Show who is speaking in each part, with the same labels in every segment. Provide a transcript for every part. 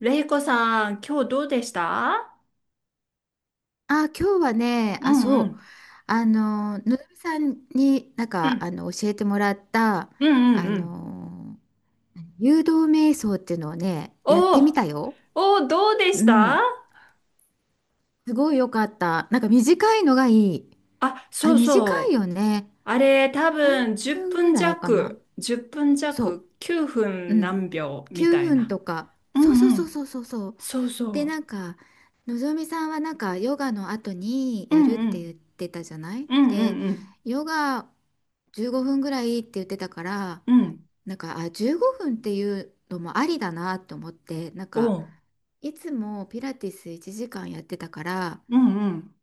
Speaker 1: れいこさん、今日どうでした？
Speaker 2: あ、今日はね、
Speaker 1: う
Speaker 2: あ、
Speaker 1: んう
Speaker 2: そう、
Speaker 1: ん。
Speaker 2: のぞみさんになん
Speaker 1: う
Speaker 2: か
Speaker 1: ん。
Speaker 2: 教えてもらった、
Speaker 1: うんうん
Speaker 2: あ
Speaker 1: うん。
Speaker 2: の、誘導瞑想っていうのをね、やって
Speaker 1: お
Speaker 2: み
Speaker 1: ー。
Speaker 2: たよ。
Speaker 1: おー、どうで
Speaker 2: う
Speaker 1: した？
Speaker 2: ん、すごい良かった。なんか短いのがいい。
Speaker 1: あ、
Speaker 2: あ
Speaker 1: そ
Speaker 2: れ、
Speaker 1: う
Speaker 2: 短い
Speaker 1: そ
Speaker 2: よ
Speaker 1: う。
Speaker 2: ね。
Speaker 1: あれ、多
Speaker 2: 何
Speaker 1: 分10
Speaker 2: 分ぐ
Speaker 1: 分
Speaker 2: らいかな。
Speaker 1: 弱、10分
Speaker 2: そ
Speaker 1: 弱、9
Speaker 2: う、う
Speaker 1: 分
Speaker 2: ん、
Speaker 1: 何秒み
Speaker 2: 9
Speaker 1: たい
Speaker 2: 分
Speaker 1: な。
Speaker 2: とか。
Speaker 1: う
Speaker 2: そうそう
Speaker 1: んう
Speaker 2: そう
Speaker 1: ん。
Speaker 2: そうそうそう。
Speaker 1: そう
Speaker 2: で、
Speaker 1: そ
Speaker 2: なんか、のぞみさんはなんかヨガの後に
Speaker 1: う。う
Speaker 2: や
Speaker 1: ん
Speaker 2: るっ
Speaker 1: う
Speaker 2: て言
Speaker 1: ん
Speaker 2: ってたじゃない。
Speaker 1: うん
Speaker 2: で、
Speaker 1: うん
Speaker 2: ヨガ15分ぐらいって言ってたから、
Speaker 1: うん。うん。
Speaker 2: なんか、あ、15分っていうのもありだなと思って、なん
Speaker 1: お
Speaker 2: か、
Speaker 1: う。
Speaker 2: いつもピラティス1時間やってたから、
Speaker 1: うんうん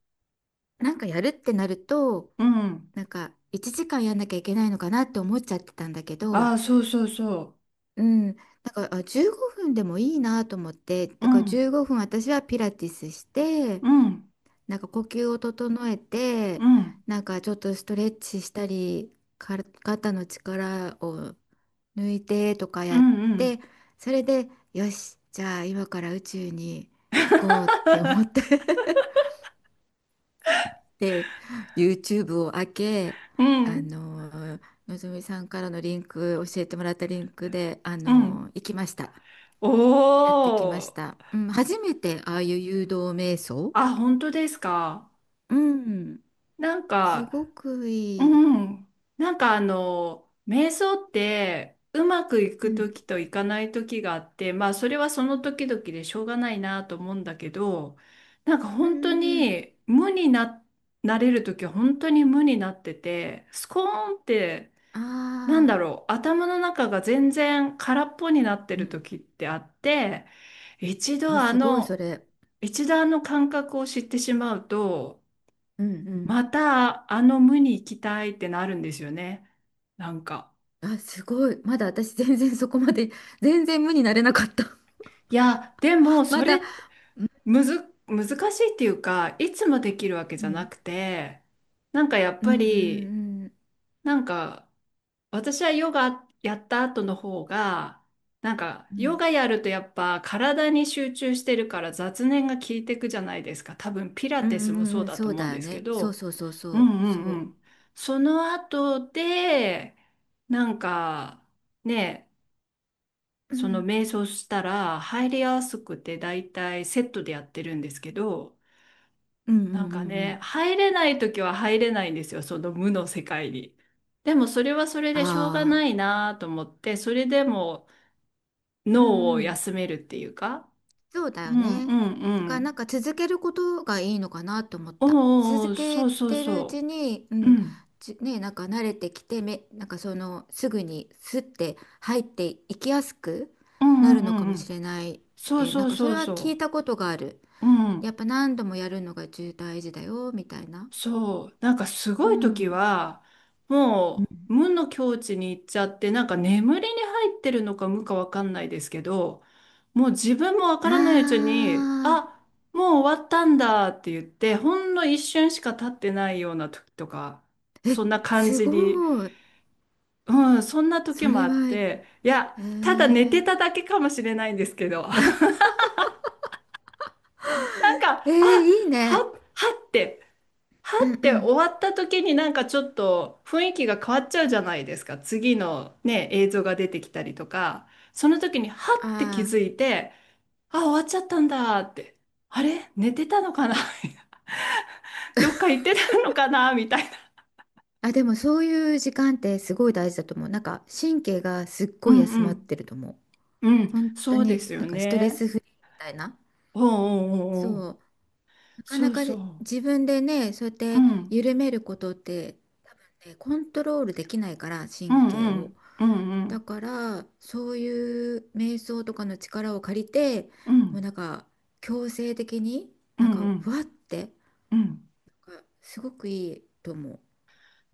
Speaker 2: なんかやるってなると、
Speaker 1: うんうん。
Speaker 2: なんか1時間やんなきゃいけないのかなって思っちゃってたんだけど、
Speaker 1: あ、そうそうそ
Speaker 2: うん、なんか、あ、15分でもいいなと思って、
Speaker 1: う。
Speaker 2: だから15分私はピラティスして、
Speaker 1: うん
Speaker 2: なんか呼吸を整えて、
Speaker 1: うん
Speaker 2: なんかちょっとストレッチしたり、肩の力を抜いてとか
Speaker 1: う
Speaker 2: やっ
Speaker 1: んうん
Speaker 2: て、それで、よし、じゃあ今から宇宙に行こうって思って。 で、YouTube を開け、
Speaker 1: うんう。う
Speaker 2: あ
Speaker 1: ん。
Speaker 2: の、のぞみさんからのリンク、教えてもらったリンクで、
Speaker 1: うん。
Speaker 2: 行きました。
Speaker 1: お
Speaker 2: やってきま
Speaker 1: お。
Speaker 2: した。うん、初めてああいう誘導瞑想。
Speaker 1: あ、本当ですか？
Speaker 2: うん、
Speaker 1: なん
Speaker 2: す
Speaker 1: か、
Speaker 2: ごく
Speaker 1: う
Speaker 2: いい。
Speaker 1: ん。なんかあの、瞑想って、うまくい
Speaker 2: う
Speaker 1: く
Speaker 2: ん
Speaker 1: 時といかない時があって、まあそれはその時々でしょうがないなと思うんだけど、なんか
Speaker 2: うん
Speaker 1: 本当
Speaker 2: うんうん。
Speaker 1: に無にな、なれる時は本当に無になってて、スコーンって、なん
Speaker 2: ああ、
Speaker 1: だろう、頭の中が全然空っぽになって
Speaker 2: う
Speaker 1: る
Speaker 2: ん。
Speaker 1: 時ってあって、一度
Speaker 2: あ、
Speaker 1: あ
Speaker 2: すごい、そ
Speaker 1: の、
Speaker 2: れ。
Speaker 1: 一度あの感覚を知ってしまうと、
Speaker 2: うんうん。
Speaker 1: またあの無に行きたいってなるんですよね。なんか。
Speaker 2: あ、すごい。まだ私全然そこまで、全然無になれなかった。
Speaker 1: いや、でも
Speaker 2: ま
Speaker 1: そ
Speaker 2: だ、
Speaker 1: れむず、難しいっていうか、いつもできるわけ
Speaker 2: う
Speaker 1: じゃな
Speaker 2: ん、
Speaker 1: くて、なんかやっ
Speaker 2: うん
Speaker 1: ぱ
Speaker 2: う
Speaker 1: り、
Speaker 2: んうん。
Speaker 1: なんか私はヨガやった後の方が、なんか
Speaker 2: う
Speaker 1: ヨ
Speaker 2: ん
Speaker 1: ガやるとやっぱ体に集中してるから雑念が効いてくじゃないですか。多分ピラ
Speaker 2: うん
Speaker 1: ティス
Speaker 2: う
Speaker 1: もそ
Speaker 2: ん
Speaker 1: う
Speaker 2: うん、
Speaker 1: だ
Speaker 2: そ
Speaker 1: と
Speaker 2: う
Speaker 1: 思うん
Speaker 2: だよ
Speaker 1: ですけ
Speaker 2: ね。そう
Speaker 1: ど、
Speaker 2: そうそう
Speaker 1: う
Speaker 2: そ
Speaker 1: んう
Speaker 2: う。そ
Speaker 1: んう
Speaker 2: う。
Speaker 1: ん。その後で、なんかね、
Speaker 2: う
Speaker 1: その
Speaker 2: ん。
Speaker 1: 瞑想したら入りやすくて大体セットでやってるんですけど、
Speaker 2: うんうん
Speaker 1: な
Speaker 2: う
Speaker 1: ん
Speaker 2: ん
Speaker 1: か
Speaker 2: う
Speaker 1: ね、
Speaker 2: ん。
Speaker 1: 入れない時は入れないんですよ、その無の世界に。でもそれはそれでしょうがな
Speaker 2: あ
Speaker 1: い
Speaker 2: あ。
Speaker 1: なと思って、それでも
Speaker 2: う
Speaker 1: 脳を
Speaker 2: んうん。
Speaker 1: 休めるっていうか。
Speaker 2: そうだ
Speaker 1: う
Speaker 2: よ
Speaker 1: ん
Speaker 2: ね。
Speaker 1: うんう
Speaker 2: だからなん
Speaker 1: ん。
Speaker 2: か続けることがいいのかなと思っ
Speaker 1: おう
Speaker 2: た。
Speaker 1: おうお
Speaker 2: 続
Speaker 1: う、
Speaker 2: け
Speaker 1: そうそう
Speaker 2: てるうち
Speaker 1: そ
Speaker 2: に、う
Speaker 1: う。う
Speaker 2: ん、
Speaker 1: ん。
Speaker 2: なんか慣れてきて、なんかそのすぐにスッて入っていきやすく
Speaker 1: う
Speaker 2: な
Speaker 1: んう
Speaker 2: る
Speaker 1: ん
Speaker 2: の
Speaker 1: う
Speaker 2: か
Speaker 1: んう
Speaker 2: もし
Speaker 1: ん。
Speaker 2: れないっ
Speaker 1: そう
Speaker 2: て、なん
Speaker 1: そう
Speaker 2: かそ
Speaker 1: そ
Speaker 2: れ
Speaker 1: う
Speaker 2: は聞い
Speaker 1: そ
Speaker 2: たことがある。
Speaker 1: う。う
Speaker 2: やっ
Speaker 1: ん。
Speaker 2: ぱ何度もやるのが重大事だよ、みたいな。
Speaker 1: そう、なんかす
Speaker 2: う
Speaker 1: ごい時
Speaker 2: ん。
Speaker 1: は、もう無の境地に行っちゃって、なんか眠りに入ってるのか無かわかんないですけど、もう自分もわか
Speaker 2: あ
Speaker 1: らないうちに、
Speaker 2: ー、
Speaker 1: あ、もう終わったんだって言って、ほんの一瞬しか経ってないような時とか、そんな感
Speaker 2: す
Speaker 1: じ
Speaker 2: ご
Speaker 1: に、
Speaker 2: い。
Speaker 1: うん、そんな
Speaker 2: そ
Speaker 1: 時も
Speaker 2: れ
Speaker 1: あっ
Speaker 2: は、
Speaker 1: て、いや、
Speaker 2: え
Speaker 1: ただ寝てた
Speaker 2: ー、
Speaker 1: だけかもしれないんですけど、なん
Speaker 2: え
Speaker 1: か、あ、
Speaker 2: ー、いい
Speaker 1: は、
Speaker 2: ね。
Speaker 1: はって。は
Speaker 2: うん
Speaker 1: って
Speaker 2: う
Speaker 1: 終
Speaker 2: ん。
Speaker 1: わった時になんかちょっと雰囲気が変わっちゃうじゃないですか。次のね、映像が出てきたりとか、その時にはって気
Speaker 2: あ
Speaker 1: づ
Speaker 2: あ。
Speaker 1: いて、あ、終わっちゃったんだって、あれ寝てたのかな どっか行ってたのかなみたいな。
Speaker 2: あ、でもそういう時間ってすごい大事だと思う。なんか神経がすっ
Speaker 1: う
Speaker 2: ごい休
Speaker 1: んう
Speaker 2: まっ
Speaker 1: ん。
Speaker 2: てると思う。
Speaker 1: うん、
Speaker 2: 本当
Speaker 1: そうで
Speaker 2: に
Speaker 1: すよ
Speaker 2: なんかストレ
Speaker 1: ね。
Speaker 2: スフリーみたいな。
Speaker 1: おうおうおうおう。
Speaker 2: そう。なか
Speaker 1: そ
Speaker 2: な
Speaker 1: う
Speaker 2: か
Speaker 1: そ
Speaker 2: で
Speaker 1: う。
Speaker 2: 自分でね、そうやっ
Speaker 1: う
Speaker 2: て
Speaker 1: ん。
Speaker 2: 緩めることって、多分ね、コントロールできないから、
Speaker 1: う
Speaker 2: 神
Speaker 1: ん
Speaker 2: 経
Speaker 1: う
Speaker 2: を。
Speaker 1: ん。うんう
Speaker 2: だ
Speaker 1: ん。
Speaker 2: から、そういう瞑想とかの力を借りて、
Speaker 1: う
Speaker 2: もう
Speaker 1: ん
Speaker 2: なんか強制的に
Speaker 1: う
Speaker 2: なん
Speaker 1: んう
Speaker 2: かふ
Speaker 1: ん。
Speaker 2: わって、
Speaker 1: うん。
Speaker 2: なんかすごくいいと思う。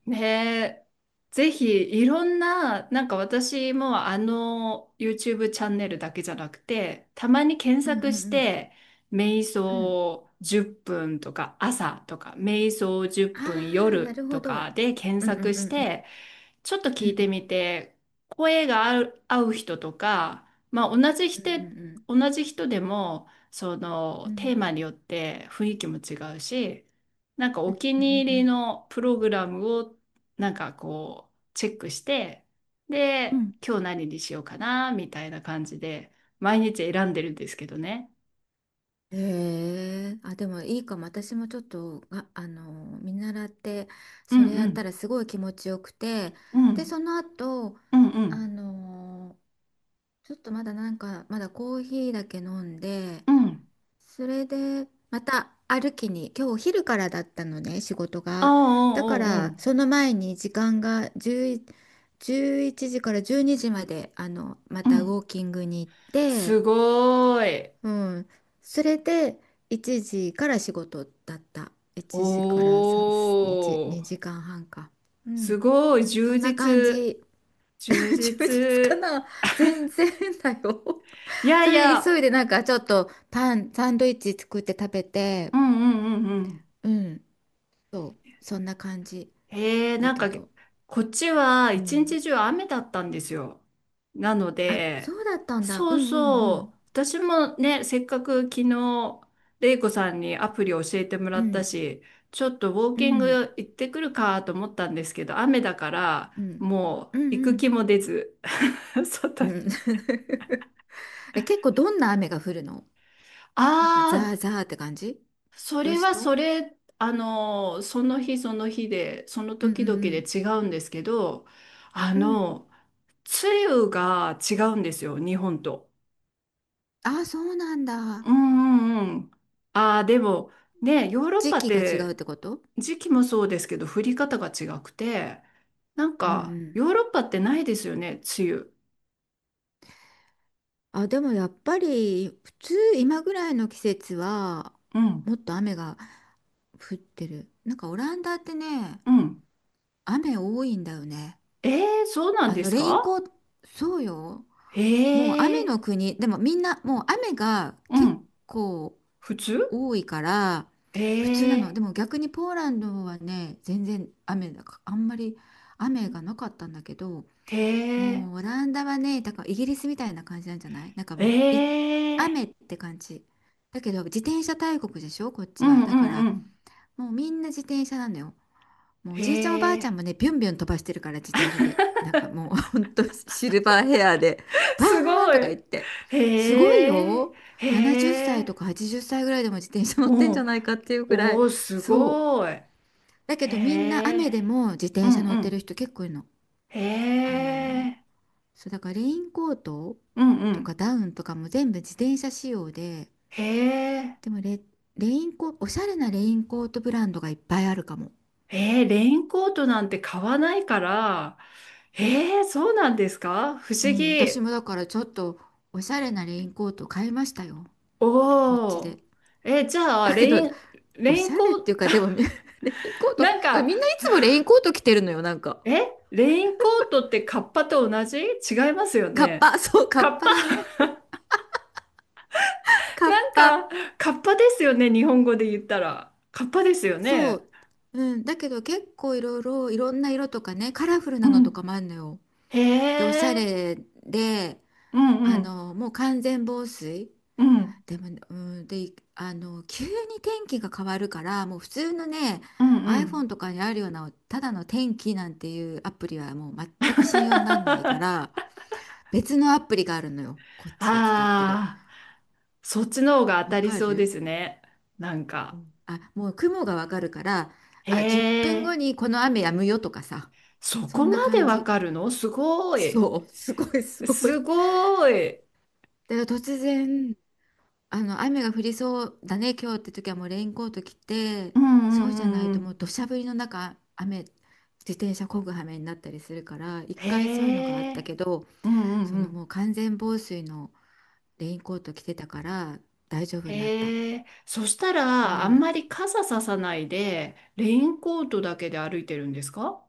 Speaker 1: ねえ、ぜひいろんな、なんか私もあの YouTube チャンネルだけじゃなくて、たまに検
Speaker 2: うんうん
Speaker 1: 索し
Speaker 2: うん。
Speaker 1: て、瞑
Speaker 2: うん、
Speaker 1: 想10分とか朝とか、瞑想10分
Speaker 2: ああ、な
Speaker 1: 夜
Speaker 2: るほ
Speaker 1: とか
Speaker 2: ど。
Speaker 1: で検
Speaker 2: うんうん
Speaker 1: 索
Speaker 2: う
Speaker 1: し
Speaker 2: んうん。
Speaker 1: て、ちょっと
Speaker 2: う
Speaker 1: 聞い
Speaker 2: んう
Speaker 1: て
Speaker 2: ん
Speaker 1: みて、声が合う、合う人とか、まあ同じ
Speaker 2: う
Speaker 1: 人、
Speaker 2: ん
Speaker 1: 同じ人でも、そ
Speaker 2: う
Speaker 1: の
Speaker 2: んう
Speaker 1: テ
Speaker 2: ん
Speaker 1: ーマによって雰囲気も違うし、なんかお気
Speaker 2: うんうんう
Speaker 1: に入り
Speaker 2: ん。
Speaker 1: のプログラムをなんかこうチェックして、
Speaker 2: うんう
Speaker 1: で、
Speaker 2: ん、
Speaker 1: 今日何にしようかな、みたいな感じで、毎日選んでるんですけどね。
Speaker 2: へえ、あ、でもいいかも。私もちょっと、見習って、
Speaker 1: う
Speaker 2: そ
Speaker 1: ん
Speaker 2: れや
Speaker 1: う
Speaker 2: ったら
Speaker 1: ん、
Speaker 2: すごい気持ちよくて、
Speaker 1: う
Speaker 2: で、そ
Speaker 1: ん、
Speaker 2: の後、
Speaker 1: うんう
Speaker 2: あ
Speaker 1: ん、
Speaker 2: の、ちょっとまだなんか、まだコーヒーだけ飲んで、
Speaker 1: うん。
Speaker 2: それで、また歩きに、今日お昼からだったのね、仕事
Speaker 1: ああ、
Speaker 2: が。だか
Speaker 1: うんうん、う
Speaker 2: ら、
Speaker 1: ん。
Speaker 2: その前に時間が10、1時から12時まで、ま
Speaker 1: う
Speaker 2: たウォ
Speaker 1: ん。
Speaker 2: ーキングに行って、
Speaker 1: すごーい。
Speaker 2: うん。それで、1時から仕事だった。
Speaker 1: お
Speaker 2: 1時から3、2、
Speaker 1: ー、
Speaker 2: 2時間半か。う
Speaker 1: す
Speaker 2: ん。
Speaker 1: ごい、
Speaker 2: そ
Speaker 1: 充
Speaker 2: んな感
Speaker 1: 実、
Speaker 2: じ。
Speaker 1: 充
Speaker 2: 充実か
Speaker 1: 実。
Speaker 2: な。全然だよ。
Speaker 1: いや
Speaker 2: そ
Speaker 1: い
Speaker 2: れで
Speaker 1: や、
Speaker 2: 急いでなんかちょっとサンドイッチ作って食べて、
Speaker 1: うんうんうんうん。
Speaker 2: うん、そう、そんな感じだ
Speaker 1: なん
Speaker 2: け
Speaker 1: か、
Speaker 2: ど、
Speaker 1: こっちは
Speaker 2: う
Speaker 1: 一
Speaker 2: ん。
Speaker 1: 日中雨だったんですよ。なの
Speaker 2: あ、そ
Speaker 1: で、
Speaker 2: うだったんだ。う
Speaker 1: そ
Speaker 2: ん
Speaker 1: う
Speaker 2: うん
Speaker 1: そう、私もね、せっかく昨日、レイコさんにアプリ教えても
Speaker 2: う
Speaker 1: ら
Speaker 2: ん。う
Speaker 1: った
Speaker 2: ん
Speaker 1: し、ちょっとウォー
Speaker 2: う
Speaker 1: キン
Speaker 2: ん
Speaker 1: グ行ってくるかと思ったんですけど、雨だから、
Speaker 2: うん
Speaker 1: も
Speaker 2: う
Speaker 1: う行く
Speaker 2: ん
Speaker 1: 気も出ず、外
Speaker 2: うんう
Speaker 1: に。
Speaker 2: ん。え、結構どんな雨が降るの？なんか
Speaker 1: あ
Speaker 2: ザー
Speaker 1: あ、
Speaker 2: ザーって感じ？
Speaker 1: それ
Speaker 2: 年し
Speaker 1: は
Speaker 2: と、
Speaker 1: それ、あの、その日その日で、その
Speaker 2: うん
Speaker 1: 時々
Speaker 2: う
Speaker 1: で
Speaker 2: ん
Speaker 1: 違うんですけど、あ
Speaker 2: うん。うん。
Speaker 1: の、梅雨が違うんですよ、日本と。
Speaker 2: あ、そうなんだ。
Speaker 1: うんうんうん。ああ、でも、ね、ヨーロッ
Speaker 2: 時
Speaker 1: パっ
Speaker 2: 期が違うっ
Speaker 1: て
Speaker 2: てこと？
Speaker 1: 時期もそうですけど、降り方が違くて、なん
Speaker 2: うんう
Speaker 1: か、
Speaker 2: ん。
Speaker 1: ヨーロッパってないですよね、梅雨。
Speaker 2: あ、でもやっぱり普通今ぐらいの季節は
Speaker 1: うん、
Speaker 2: もっと雨が降ってる。なんかオランダってね、
Speaker 1: うん。
Speaker 2: 雨多いんだよね。
Speaker 1: ええ、そうなん
Speaker 2: あ
Speaker 1: で
Speaker 2: の
Speaker 1: す
Speaker 2: レインコ
Speaker 1: か？
Speaker 2: ート、そうよ。もう
Speaker 1: え
Speaker 2: 雨
Speaker 1: え、
Speaker 2: の国。でもみんな、もう雨が
Speaker 1: う
Speaker 2: 結
Speaker 1: ん。
Speaker 2: 構
Speaker 1: 普通。
Speaker 2: 多いから、
Speaker 1: え
Speaker 2: 普通なの。
Speaker 1: え、
Speaker 2: でも逆にポーランドはね、全然雨だか、あんまり雨がなかったんだけど、
Speaker 1: ええ、
Speaker 2: もうオランダはね、だからイギリスみたいな感じなんじゃない、なんか
Speaker 1: え
Speaker 2: もうい、
Speaker 1: え。
Speaker 2: 雨って感じ。だけど自転車大国でしょ、こっ
Speaker 1: う
Speaker 2: ちは。
Speaker 1: んう
Speaker 2: だか
Speaker 1: ん
Speaker 2: ら
Speaker 1: うん。
Speaker 2: もうみんな自転車なのよ。もうお
Speaker 1: へ
Speaker 2: じいちゃんおばあちゃん
Speaker 1: え、
Speaker 2: もね、ビュンビュン飛ばしてるから自転車で。なんかもうほんとシルバーヘアで、バ
Speaker 1: す
Speaker 2: ーン
Speaker 1: ご
Speaker 2: とか
Speaker 1: い。
Speaker 2: 言って。すごい
Speaker 1: へえ、
Speaker 2: よ。70
Speaker 1: へ
Speaker 2: 歳
Speaker 1: え、
Speaker 2: とか80歳ぐらいでも自転車乗ってんじ
Speaker 1: お
Speaker 2: ゃ
Speaker 1: う
Speaker 2: ないかっていうくら
Speaker 1: お
Speaker 2: い。
Speaker 1: う、す
Speaker 2: そう。
Speaker 1: ごい。
Speaker 2: だ
Speaker 1: へ
Speaker 2: けどみんな雨
Speaker 1: え、
Speaker 2: でも自
Speaker 1: う
Speaker 2: 転車
Speaker 1: ん
Speaker 2: 乗っ
Speaker 1: う
Speaker 2: てる
Speaker 1: ん。
Speaker 2: 人結構いるの。
Speaker 1: へ
Speaker 2: あの、
Speaker 1: え、
Speaker 2: そうだからレインコート
Speaker 1: うんう
Speaker 2: とか
Speaker 1: ん。
Speaker 2: ダウンとかも全部自転車仕様で、
Speaker 1: へえ、
Speaker 2: でもレ、レインコ、おしゃれなレインコートブランドがいっぱいあるかも。
Speaker 1: へ。レインコートなんて買わないから、へー、そうなんですか？不
Speaker 2: う
Speaker 1: 思
Speaker 2: ん、私
Speaker 1: 議。
Speaker 2: もだからちょっとおしゃれなレインコート買いましたよ、こっち
Speaker 1: おお、
Speaker 2: で。
Speaker 1: えー、じゃあ、
Speaker 2: だけど、お
Speaker 1: レイ
Speaker 2: し
Speaker 1: ン
Speaker 2: ゃ
Speaker 1: コ
Speaker 2: れっ
Speaker 1: ー
Speaker 2: て
Speaker 1: ト、
Speaker 2: いうか、でもみ レインコート、だか
Speaker 1: なん
Speaker 2: ら
Speaker 1: か、
Speaker 2: みんないつもレインコート着てるのよ、なんか。
Speaker 1: え、レインコートってカッパと同じ違いますよ
Speaker 2: カッ
Speaker 1: ね？
Speaker 2: パ、そう、カ
Speaker 1: カ
Speaker 2: ッ
Speaker 1: ッ
Speaker 2: パ
Speaker 1: パ、
Speaker 2: だね。カッ
Speaker 1: な
Speaker 2: パ。
Speaker 1: んか、カッパですよね。日本語で言ったら。カッパですよ
Speaker 2: そ
Speaker 1: ね。
Speaker 2: う。うん、だけど結構いろいろ、いろんな色とかね、カラフル
Speaker 1: う
Speaker 2: なのと
Speaker 1: ん。
Speaker 2: かもあるのよ。で、おしゃ
Speaker 1: へえ。
Speaker 2: れで、
Speaker 1: うんうん。
Speaker 2: もう完全防水。
Speaker 1: うん。
Speaker 2: でもね、うん、で、急に天気が変わるから、もう普通のね、
Speaker 1: うんうん。
Speaker 2: iPhone とかにあるような、ただの天気なんていうアプリはもう全く信用にならないから、別のアプリがあるのよ、こっちで使ってる。
Speaker 1: ああ、そっちの方が当
Speaker 2: わ
Speaker 1: たり
Speaker 2: か
Speaker 1: そうで
Speaker 2: る？
Speaker 1: すね。なん
Speaker 2: う
Speaker 1: か。
Speaker 2: ん、あ、もう雲がわかるから、
Speaker 1: へ
Speaker 2: あ、10分後
Speaker 1: え。
Speaker 2: にこの雨やむよとかさ、
Speaker 1: そ
Speaker 2: そ
Speaker 1: こ
Speaker 2: んな
Speaker 1: まで
Speaker 2: 感
Speaker 1: わ
Speaker 2: じ。
Speaker 1: かるのすごい。
Speaker 2: そう、すごいすごい。だ
Speaker 1: す
Speaker 2: か
Speaker 1: ごい。
Speaker 2: ら突然、あの雨が降りそうだね今日って時はもうレインコート着て、
Speaker 1: うんう
Speaker 2: そう
Speaker 1: ん
Speaker 2: じ
Speaker 1: う
Speaker 2: ゃない
Speaker 1: んう
Speaker 2: ともう
Speaker 1: ん。
Speaker 2: 土砂降りの中雨自転車漕ぐ羽目になったりするから。一
Speaker 1: へ
Speaker 2: 回そういうのがあった
Speaker 1: え。
Speaker 2: けど、
Speaker 1: うんうん
Speaker 2: そ
Speaker 1: う
Speaker 2: のも
Speaker 1: ん。
Speaker 2: う完全防水のレインコート着てたから大丈夫になった。
Speaker 1: へえ、そした
Speaker 2: う
Speaker 1: ら、あん
Speaker 2: ん、
Speaker 1: まり傘ささないで、レインコートだけで歩いてるんですか？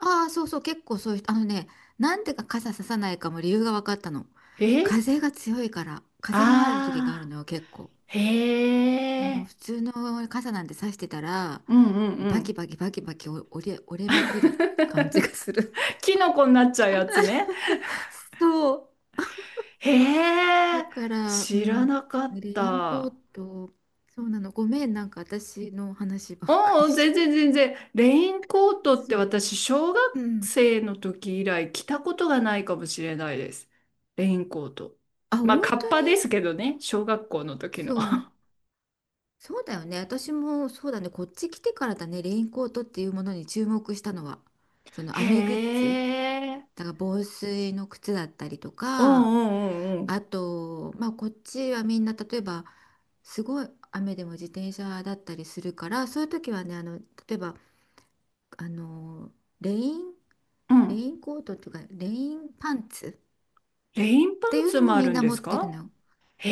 Speaker 2: ああ、そうそう、結構そういう人、あのね、なんでか傘ささないかも理由が分かったの。
Speaker 1: え、
Speaker 2: 風が強いから、風もある時がある
Speaker 1: ああ
Speaker 2: のよ結構。
Speaker 1: ー、へ
Speaker 2: もう
Speaker 1: え、
Speaker 2: 普通の傘なんてさしてたら、
Speaker 1: うんうん
Speaker 2: もう
Speaker 1: う
Speaker 2: バキ
Speaker 1: ん。
Speaker 2: バキバキバキ折れまくる感じがする。
Speaker 1: キノコになっちゃうやつね。
Speaker 2: そう。
Speaker 1: へ
Speaker 2: だ
Speaker 1: え、
Speaker 2: から、う
Speaker 1: 知ら
Speaker 2: ん、
Speaker 1: なかっ
Speaker 2: レインコー
Speaker 1: た。
Speaker 2: ト、そうなの。ごめん、なんか私の話ばっかり
Speaker 1: うん、
Speaker 2: した。
Speaker 1: 全然全然。レインコートっ
Speaker 2: そ
Speaker 1: て
Speaker 2: う、
Speaker 1: 私、小
Speaker 2: う
Speaker 1: 学
Speaker 2: ん。
Speaker 1: 生の時以来着たことがないかもしれないです。レインコート。
Speaker 2: あ、
Speaker 1: ま
Speaker 2: 本
Speaker 1: あ、カッ
Speaker 2: 当に？
Speaker 1: パですけどね、小学校の時
Speaker 2: そ
Speaker 1: の。
Speaker 2: う。そうだよね。私もそうだね。こっち来てからだね、レインコートっていうものに注目したのは。その
Speaker 1: へ
Speaker 2: 雨グッズ。
Speaker 1: え。
Speaker 2: だから防水の靴だったりと
Speaker 1: う
Speaker 2: か。
Speaker 1: んうんう
Speaker 2: あ
Speaker 1: ん
Speaker 2: と、まあ、こっちはみんな例えばすごい雨でも自転車だったりするから、そういう時はね、例えば、あのレイン、
Speaker 1: うん。う
Speaker 2: レイ
Speaker 1: ん。
Speaker 2: ンコートとかレインパンツっ
Speaker 1: レインパ
Speaker 2: てい
Speaker 1: ン
Speaker 2: う
Speaker 1: ツ
Speaker 2: のも
Speaker 1: もあ
Speaker 2: み
Speaker 1: る
Speaker 2: ん
Speaker 1: ん
Speaker 2: な
Speaker 1: で
Speaker 2: 持っ
Speaker 1: す
Speaker 2: てる
Speaker 1: か？
Speaker 2: の。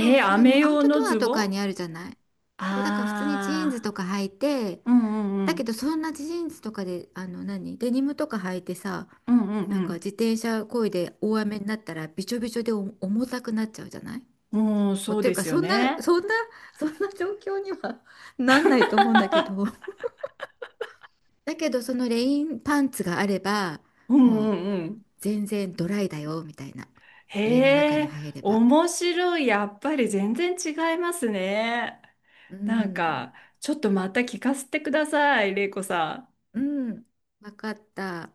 Speaker 2: そう、
Speaker 1: え、
Speaker 2: それ
Speaker 1: 雨
Speaker 2: もアウ
Speaker 1: 用
Speaker 2: トド
Speaker 1: の
Speaker 2: ア
Speaker 1: ズ
Speaker 2: と
Speaker 1: ボ
Speaker 2: かに
Speaker 1: ン。
Speaker 2: あるじゃない。そうだから普通にジーンズ
Speaker 1: あ
Speaker 2: とか履いて、
Speaker 1: あー。うんうんう
Speaker 2: だけど
Speaker 1: ん。
Speaker 2: そんなジーンズとかで、あの何デニムとか履いてさ、
Speaker 1: うん
Speaker 2: なん
Speaker 1: う
Speaker 2: か
Speaker 1: ん
Speaker 2: 自転車漕いで大雨になったら、びちょびちょで重たくなっちゃうじゃない。も
Speaker 1: うん。うん、
Speaker 2: うっ
Speaker 1: そう
Speaker 2: ていう
Speaker 1: で
Speaker 2: か、
Speaker 1: すよ
Speaker 2: そんな
Speaker 1: ね。
Speaker 2: そんなそんな状況には なんないと思うんだけど、 だけどそのレインパンツがあれば、
Speaker 1: うんう
Speaker 2: もう
Speaker 1: んうん。
Speaker 2: 全然ドライだよみたいな。家の中
Speaker 1: へ
Speaker 2: に
Speaker 1: え、
Speaker 2: 入れば。
Speaker 1: 面白い。やっぱり全然違いますね。
Speaker 2: う
Speaker 1: なん
Speaker 2: ん
Speaker 1: か、ちょっとまた聞かせてください、れいこさん。
Speaker 2: うん、分かった。